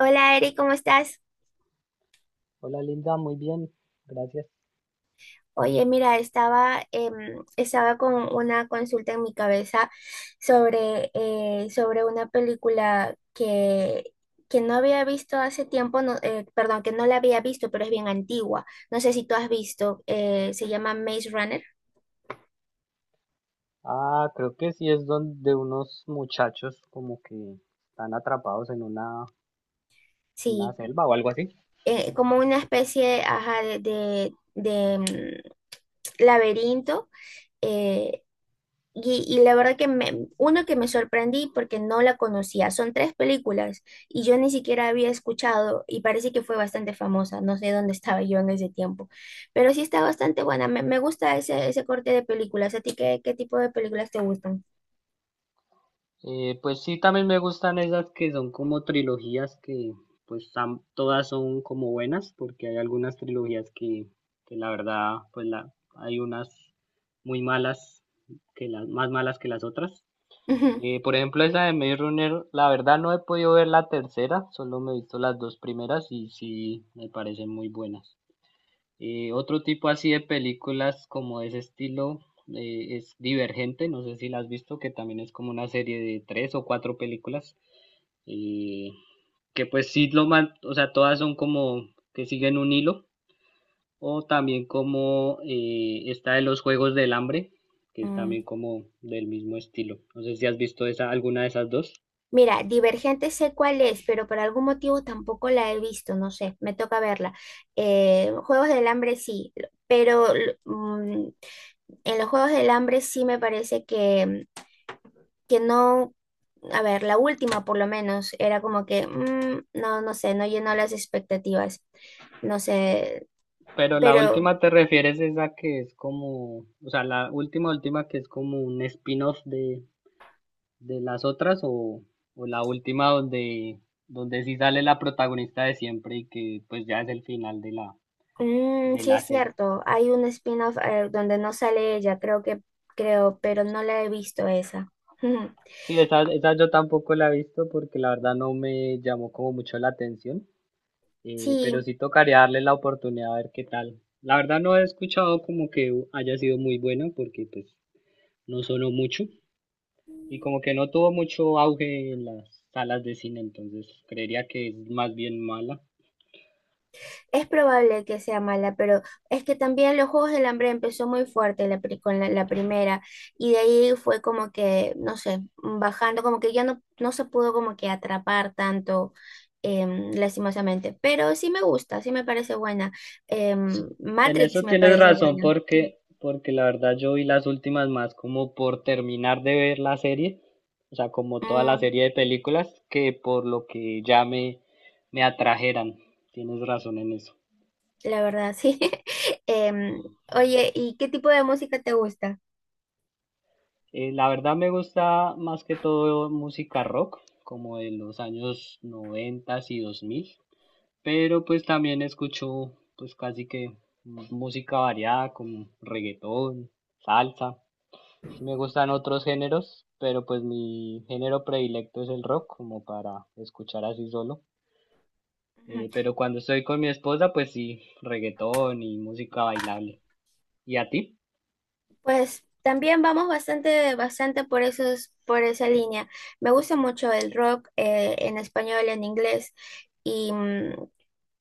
Hola Eri, ¿cómo estás? Hola Linda, muy bien, gracias. Oye, mira, estaba, estaba con una consulta en mi cabeza sobre, sobre una película que no había visto hace tiempo, no, perdón, que no la había visto, pero es bien antigua. No sé si tú has visto, se llama Maze Runner. Ah, creo que sí, es donde unos muchachos como que están atrapados en una Sí, selva o algo así. Como una especie, ajá, de laberinto. eh, y la verdad que uno que me sorprendí porque no la conocía, son tres películas y yo ni siquiera había escuchado y parece que fue bastante famosa, no sé dónde estaba yo en ese tiempo, pero sí está bastante buena, me gusta ese, ese corte de películas. ¿A ti qué, qué tipo de películas te gustan? Pues sí, también me gustan esas que son como trilogías que todas son como buenas, porque hay algunas trilogías que la verdad pues la, hay unas muy malas, que las más malas que las otras. Ujú. Por ejemplo, esa de Maze Runner, la verdad no he podido ver la tercera, solo me he visto las dos primeras y sí me parecen muy buenas. Otro tipo así de películas como de ese estilo es Divergente, no sé si la has visto, que también es como una serie de tres o cuatro películas, eh, que pues sí o sea, todas son como que siguen un hilo, o también como esta de los Juegos del Hambre, que es también Mm. como del mismo estilo. No sé si has visto esa, alguna de esas dos. Mira, Divergente sé cuál es, pero por algún motivo tampoco la he visto, no sé, me toca verla. Juegos del Hambre sí, pero mm, en los Juegos del Hambre sí me parece que no, a ver, la última por lo menos, era como que, no, no sé, no llenó las expectativas, no sé, Pero la pero última, te refieres es a que es como, o sea, la última, que es como un spin-off de las otras, o la última donde, donde sí sale la protagonista de siempre y que pues ya es el final de de sí la es serie. cierto, hay un spin-off donde no sale ella, creo que, creo, pero no la he visto esa. Sí, esa yo tampoco la he visto porque la verdad no me llamó como mucho la atención. Pero Sí, sí tocaría darle la oportunidad a ver qué tal. La verdad no he escuchado como que haya sido muy bueno, porque pues no sonó mucho y como que no tuvo mucho auge en las salas de cine, entonces creería que es más bien mala. es probable que sea mala, pero es que también los Juegos del Hambre empezó muy fuerte la con la, la primera y de ahí fue como que, no sé, bajando, como que ya no, no se pudo como que atrapar tanto, lastimosamente, pero sí me gusta, sí me parece buena. Sí, en Matrix eso me tienes parece razón, buena. porque la verdad yo vi las últimas más como por terminar de ver la serie, o sea, como toda la Mm, serie de películas, que por lo que ya me atrajeran. Tienes razón en eso. la verdad, sí. Em, oye, ¿y qué tipo de música te gusta? La verdad me gusta más que todo música rock, como de los años 90 y 2000, pero pues también escucho pues casi que música variada, como reggaetón, salsa. Sí, me gustan otros géneros, pero pues mi género predilecto es el rock, como para escuchar así solo. Pero cuando estoy con mi esposa, pues sí, reggaetón y música bailable. ¿Y a ti? Pues también vamos bastante, bastante por esos, por esa línea. Me gusta mucho el rock, en español, en inglés y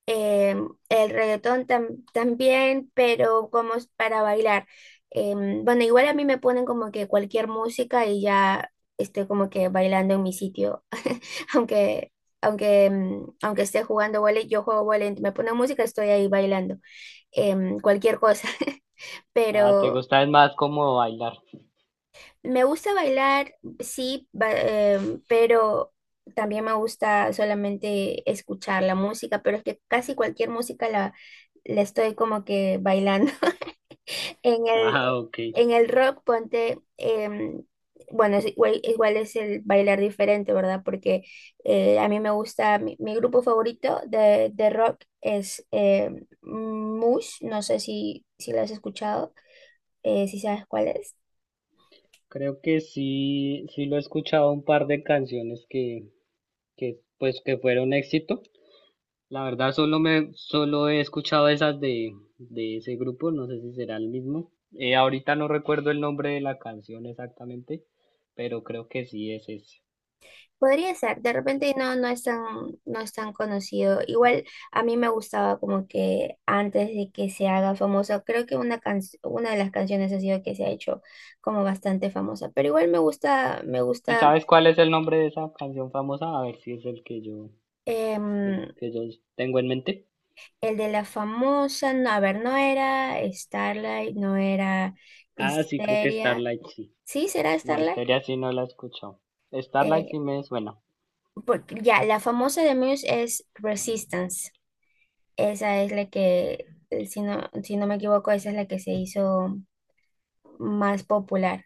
eh, el reggaetón también, pero como es para bailar. Bueno, igual a mí me ponen como que cualquier música y ya estoy como que bailando en mi sitio, aunque Aunque aunque esté jugando vóley, yo juego vóley, me ponen música, estoy ahí bailando, cualquier cosa. Ah, ¿te Pero gusta es más como bailar? Me gusta bailar, sí, pero también me gusta solamente escuchar la música, pero es que casi cualquier música la, la estoy como que bailando. En el, Ah, ok. en el rock, ponte, bueno, es igual, igual es el bailar diferente, ¿verdad? Porque a mí me gusta, mi grupo favorito de rock es Mush, no sé si, si lo has escuchado, si sabes cuál es. Creo que sí, sí lo he escuchado, un par de canciones que pues que fueron éxito. La verdad solo he escuchado esas de ese grupo, no sé si será el mismo. Ahorita no recuerdo el nombre de la canción exactamente, pero creo que sí es ese. Podría ser, de repente no, no es tan, no es tan conocido. Igual a mí me gustaba como que antes de que se haga famoso, creo que una una de las canciones ha sido que se ha hecho como bastante famosa. Pero igual me gusta, me ¿Y gusta, sabes cuál es el nombre de esa canción famosa? A ver si es el em, que yo tengo en mente. el de la famosa, no, a ver, no era Starlight, no era Ah, sí, creo que Histeria. Starlight sí. ¿Sí será No, Starlight? Histeria sí no la he escuchado. Starlight Eh, sí me suena. Ya, la famosa de Muse es Resistance. Esa es la que, si no, si no me equivoco, esa es la que se hizo más popular,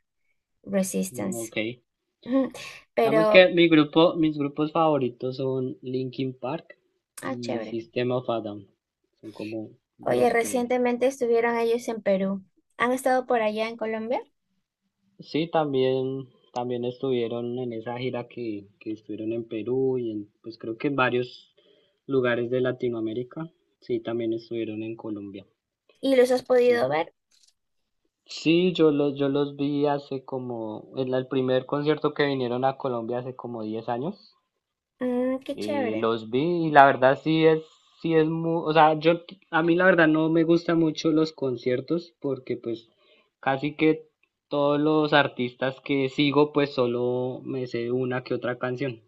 Mm, Resistance. ok. Ujú. Digamos que Pero, mis grupos favoritos son Linkin Park ah, y chévere. System of a Down. Son como Oye, los que recientemente estuvieron ellos en Perú. ¿Han estado por allá en Colombia? sí también estuvieron en esa gira que estuvieron en Perú y en, pues creo que en varios lugares de Latinoamérica. Sí, también estuvieron en Colombia. ¿Y los has podido Y- ver? Sí, yo los vi hace como en el primer concierto que vinieron a Colombia, hace como 10 años. Mm, qué Y chévere. los vi y la verdad sí es muy, o sea, yo, a mí la verdad no me gustan mucho los conciertos, porque pues casi que todos los artistas que sigo pues solo me sé una que otra canción.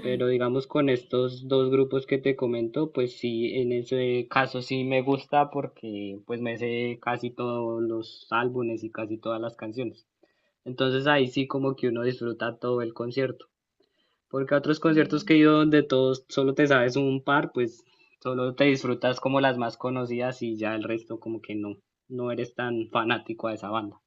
Pero digamos con estos dos grupos que te comento, pues sí, en ese caso sí me gusta porque pues me sé casi todos los álbumes y casi todas las canciones. Entonces ahí sí, como que uno disfruta todo el concierto. Porque a otros conciertos que Ujú. he ido donde todos solo te sabes un par, pues solo te disfrutas como las más conocidas y ya el resto como que no, no eres tan fanático a esa banda.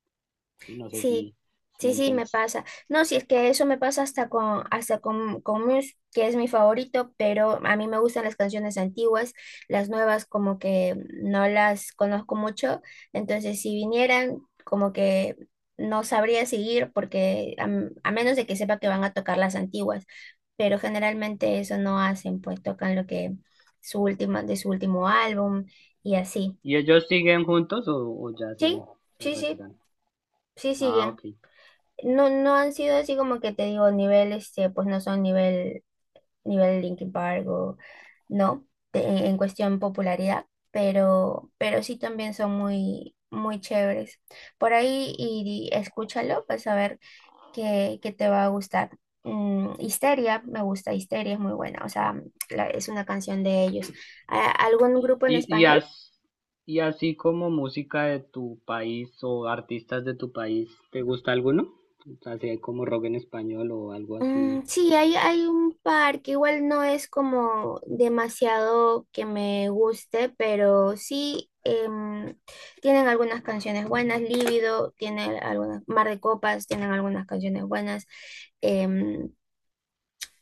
Sí, no sé Sí, si, si me sí, sí, me entiendes. pasa. No, si es que eso me pasa hasta con Muse, que es mi favorito, pero a mí me gustan las canciones antiguas, las nuevas como que no las conozco mucho, entonces si vinieran como que no sabría seguir porque a menos de que sepa que van a tocar las antiguas, pero generalmente eso no hacen, pues tocan lo que de su último álbum y así. ¿Y ellos siguen juntos o, Sí, se sí, sí, retiran? sí, sí, Ah, siguen. ok. No, no han sido así como que te digo, nivel, este, pues no son nivel, nivel Linkin Park o no, en cuestión popularidad, pero sí también son muy, muy chéveres. Por ahí y escúchalo, pues a ver qué, qué te va a gustar. Mm, Histeria, me gusta, Histeria es muy buena, o sea, es una canción de ellos. ¿Algún grupo en ¿Y, y, español? as- ¿Y así como música de tu país o artistas de tu país, te gusta alguno? Así como rock en español o algo así. Mm, sí, hay un par que igual no es como demasiado que me guste, pero sí, tienen algunas canciones buenas, Líbido, tiene algunas, Mar de Copas, tienen algunas canciones buenas. em,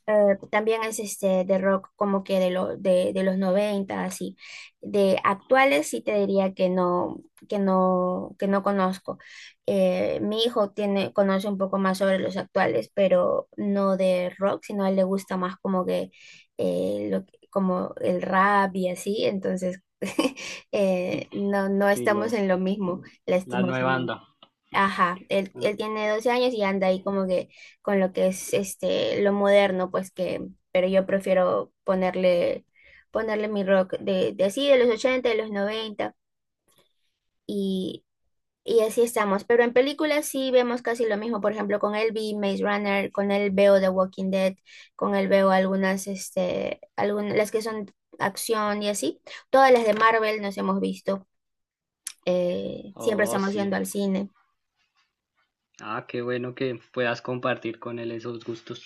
también es este de rock como que de los 90 así. De actuales sí te diría que no, que no, que no conozco. Mi hijo tiene, conoce un poco más sobre los actuales, pero no de rock, sino a él le gusta más como que como el rap y así, entonces no, no Sí, estamos lo, en lo mismo, la nueva lastimosamente. banda. Ajá, él tiene 12 años y anda ahí como que con lo que es este lo moderno, pues que, pero yo prefiero ponerle, ponerle mi rock de así, de los 80 de los 90 y, y así estamos. Pero en películas sí vemos casi lo mismo, por ejemplo, con él vi Maze Runner, con él veo The Walking Dead, con él veo algunas, este, algunas, las que son acción y así. Todas las de Marvel nos hemos visto, siempre Oh, estamos sí. yendo al cine. Ah, qué bueno que puedas compartir con él esos gustos.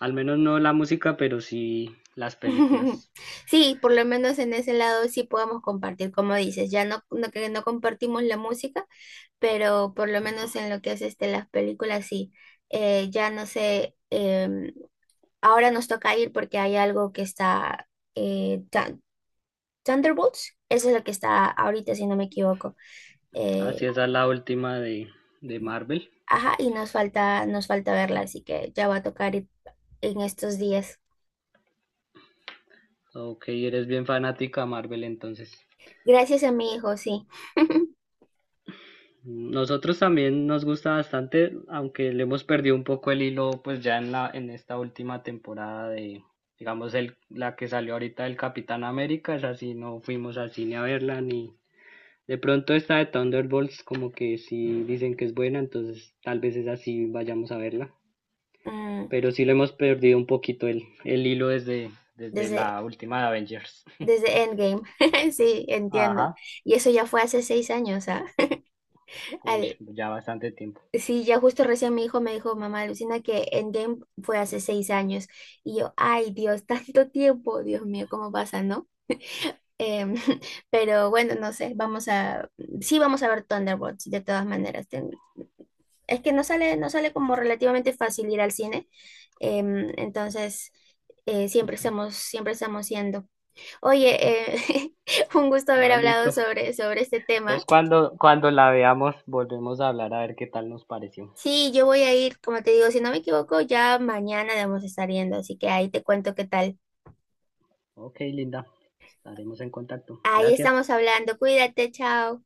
Al menos no la música, pero sí las películas. Sí, por lo menos en ese lado sí podemos compartir, como dices, ya no, no que no compartimos la música, pero por lo menos en lo que es este, las películas sí. Ya no sé, ahora nos toca ir porque hay algo que está, eh, Thun- Thunderbolts, eso es lo que está ahorita, si no me equivoco. Eh, Así es, esa es la última de Marvel. ajá, y nos falta verla, así que ya va a tocar ir en estos días. Ok, eres bien fanática a Marvel entonces. Gracias a mi hijo, sí. Nosotros también nos gusta bastante, aunque le hemos perdido un poco el hilo, pues ya en en esta última temporada de, digamos, la que salió ahorita del Capitán América, es así, no fuimos al cine a verla ni. De pronto esta de Thunderbolts, como que si dicen que es buena, entonces tal vez es así, vayamos a verla. Mm, Pero sí le hemos perdido un poquito el hilo desde, desde desde la última de Avengers. Desde Endgame, sí, Ajá, entiendo. Y eso ya fue hace 6 años, ¿ah? uy, Al- ya bastante tiempo. sí, ya justo recién mi hijo me dijo, mamá, alucina que Endgame fue hace 6 años. Y yo, ay, Dios, tanto tiempo, Dios mío, ¿cómo pasa, no? Em, pero bueno, no sé, sí vamos a ver Thunderbolts, de todas maneras. Es que no sale, no sale como relativamente fácil ir al cine. Entonces, siempre estamos yendo. Oye, un gusto haber Ah, hablado listo. sobre, sobre este tema. Entonces cuando, cuando la veamos, volvemos a hablar a ver qué tal nos pareció. Sí, yo voy a ir, como te digo, si no me equivoco, ya mañana debemos estar yendo, así que ahí te cuento qué tal. Ok, Linda. Estaremos en contacto. Ahí Gracias. estamos hablando, cuídate, chao.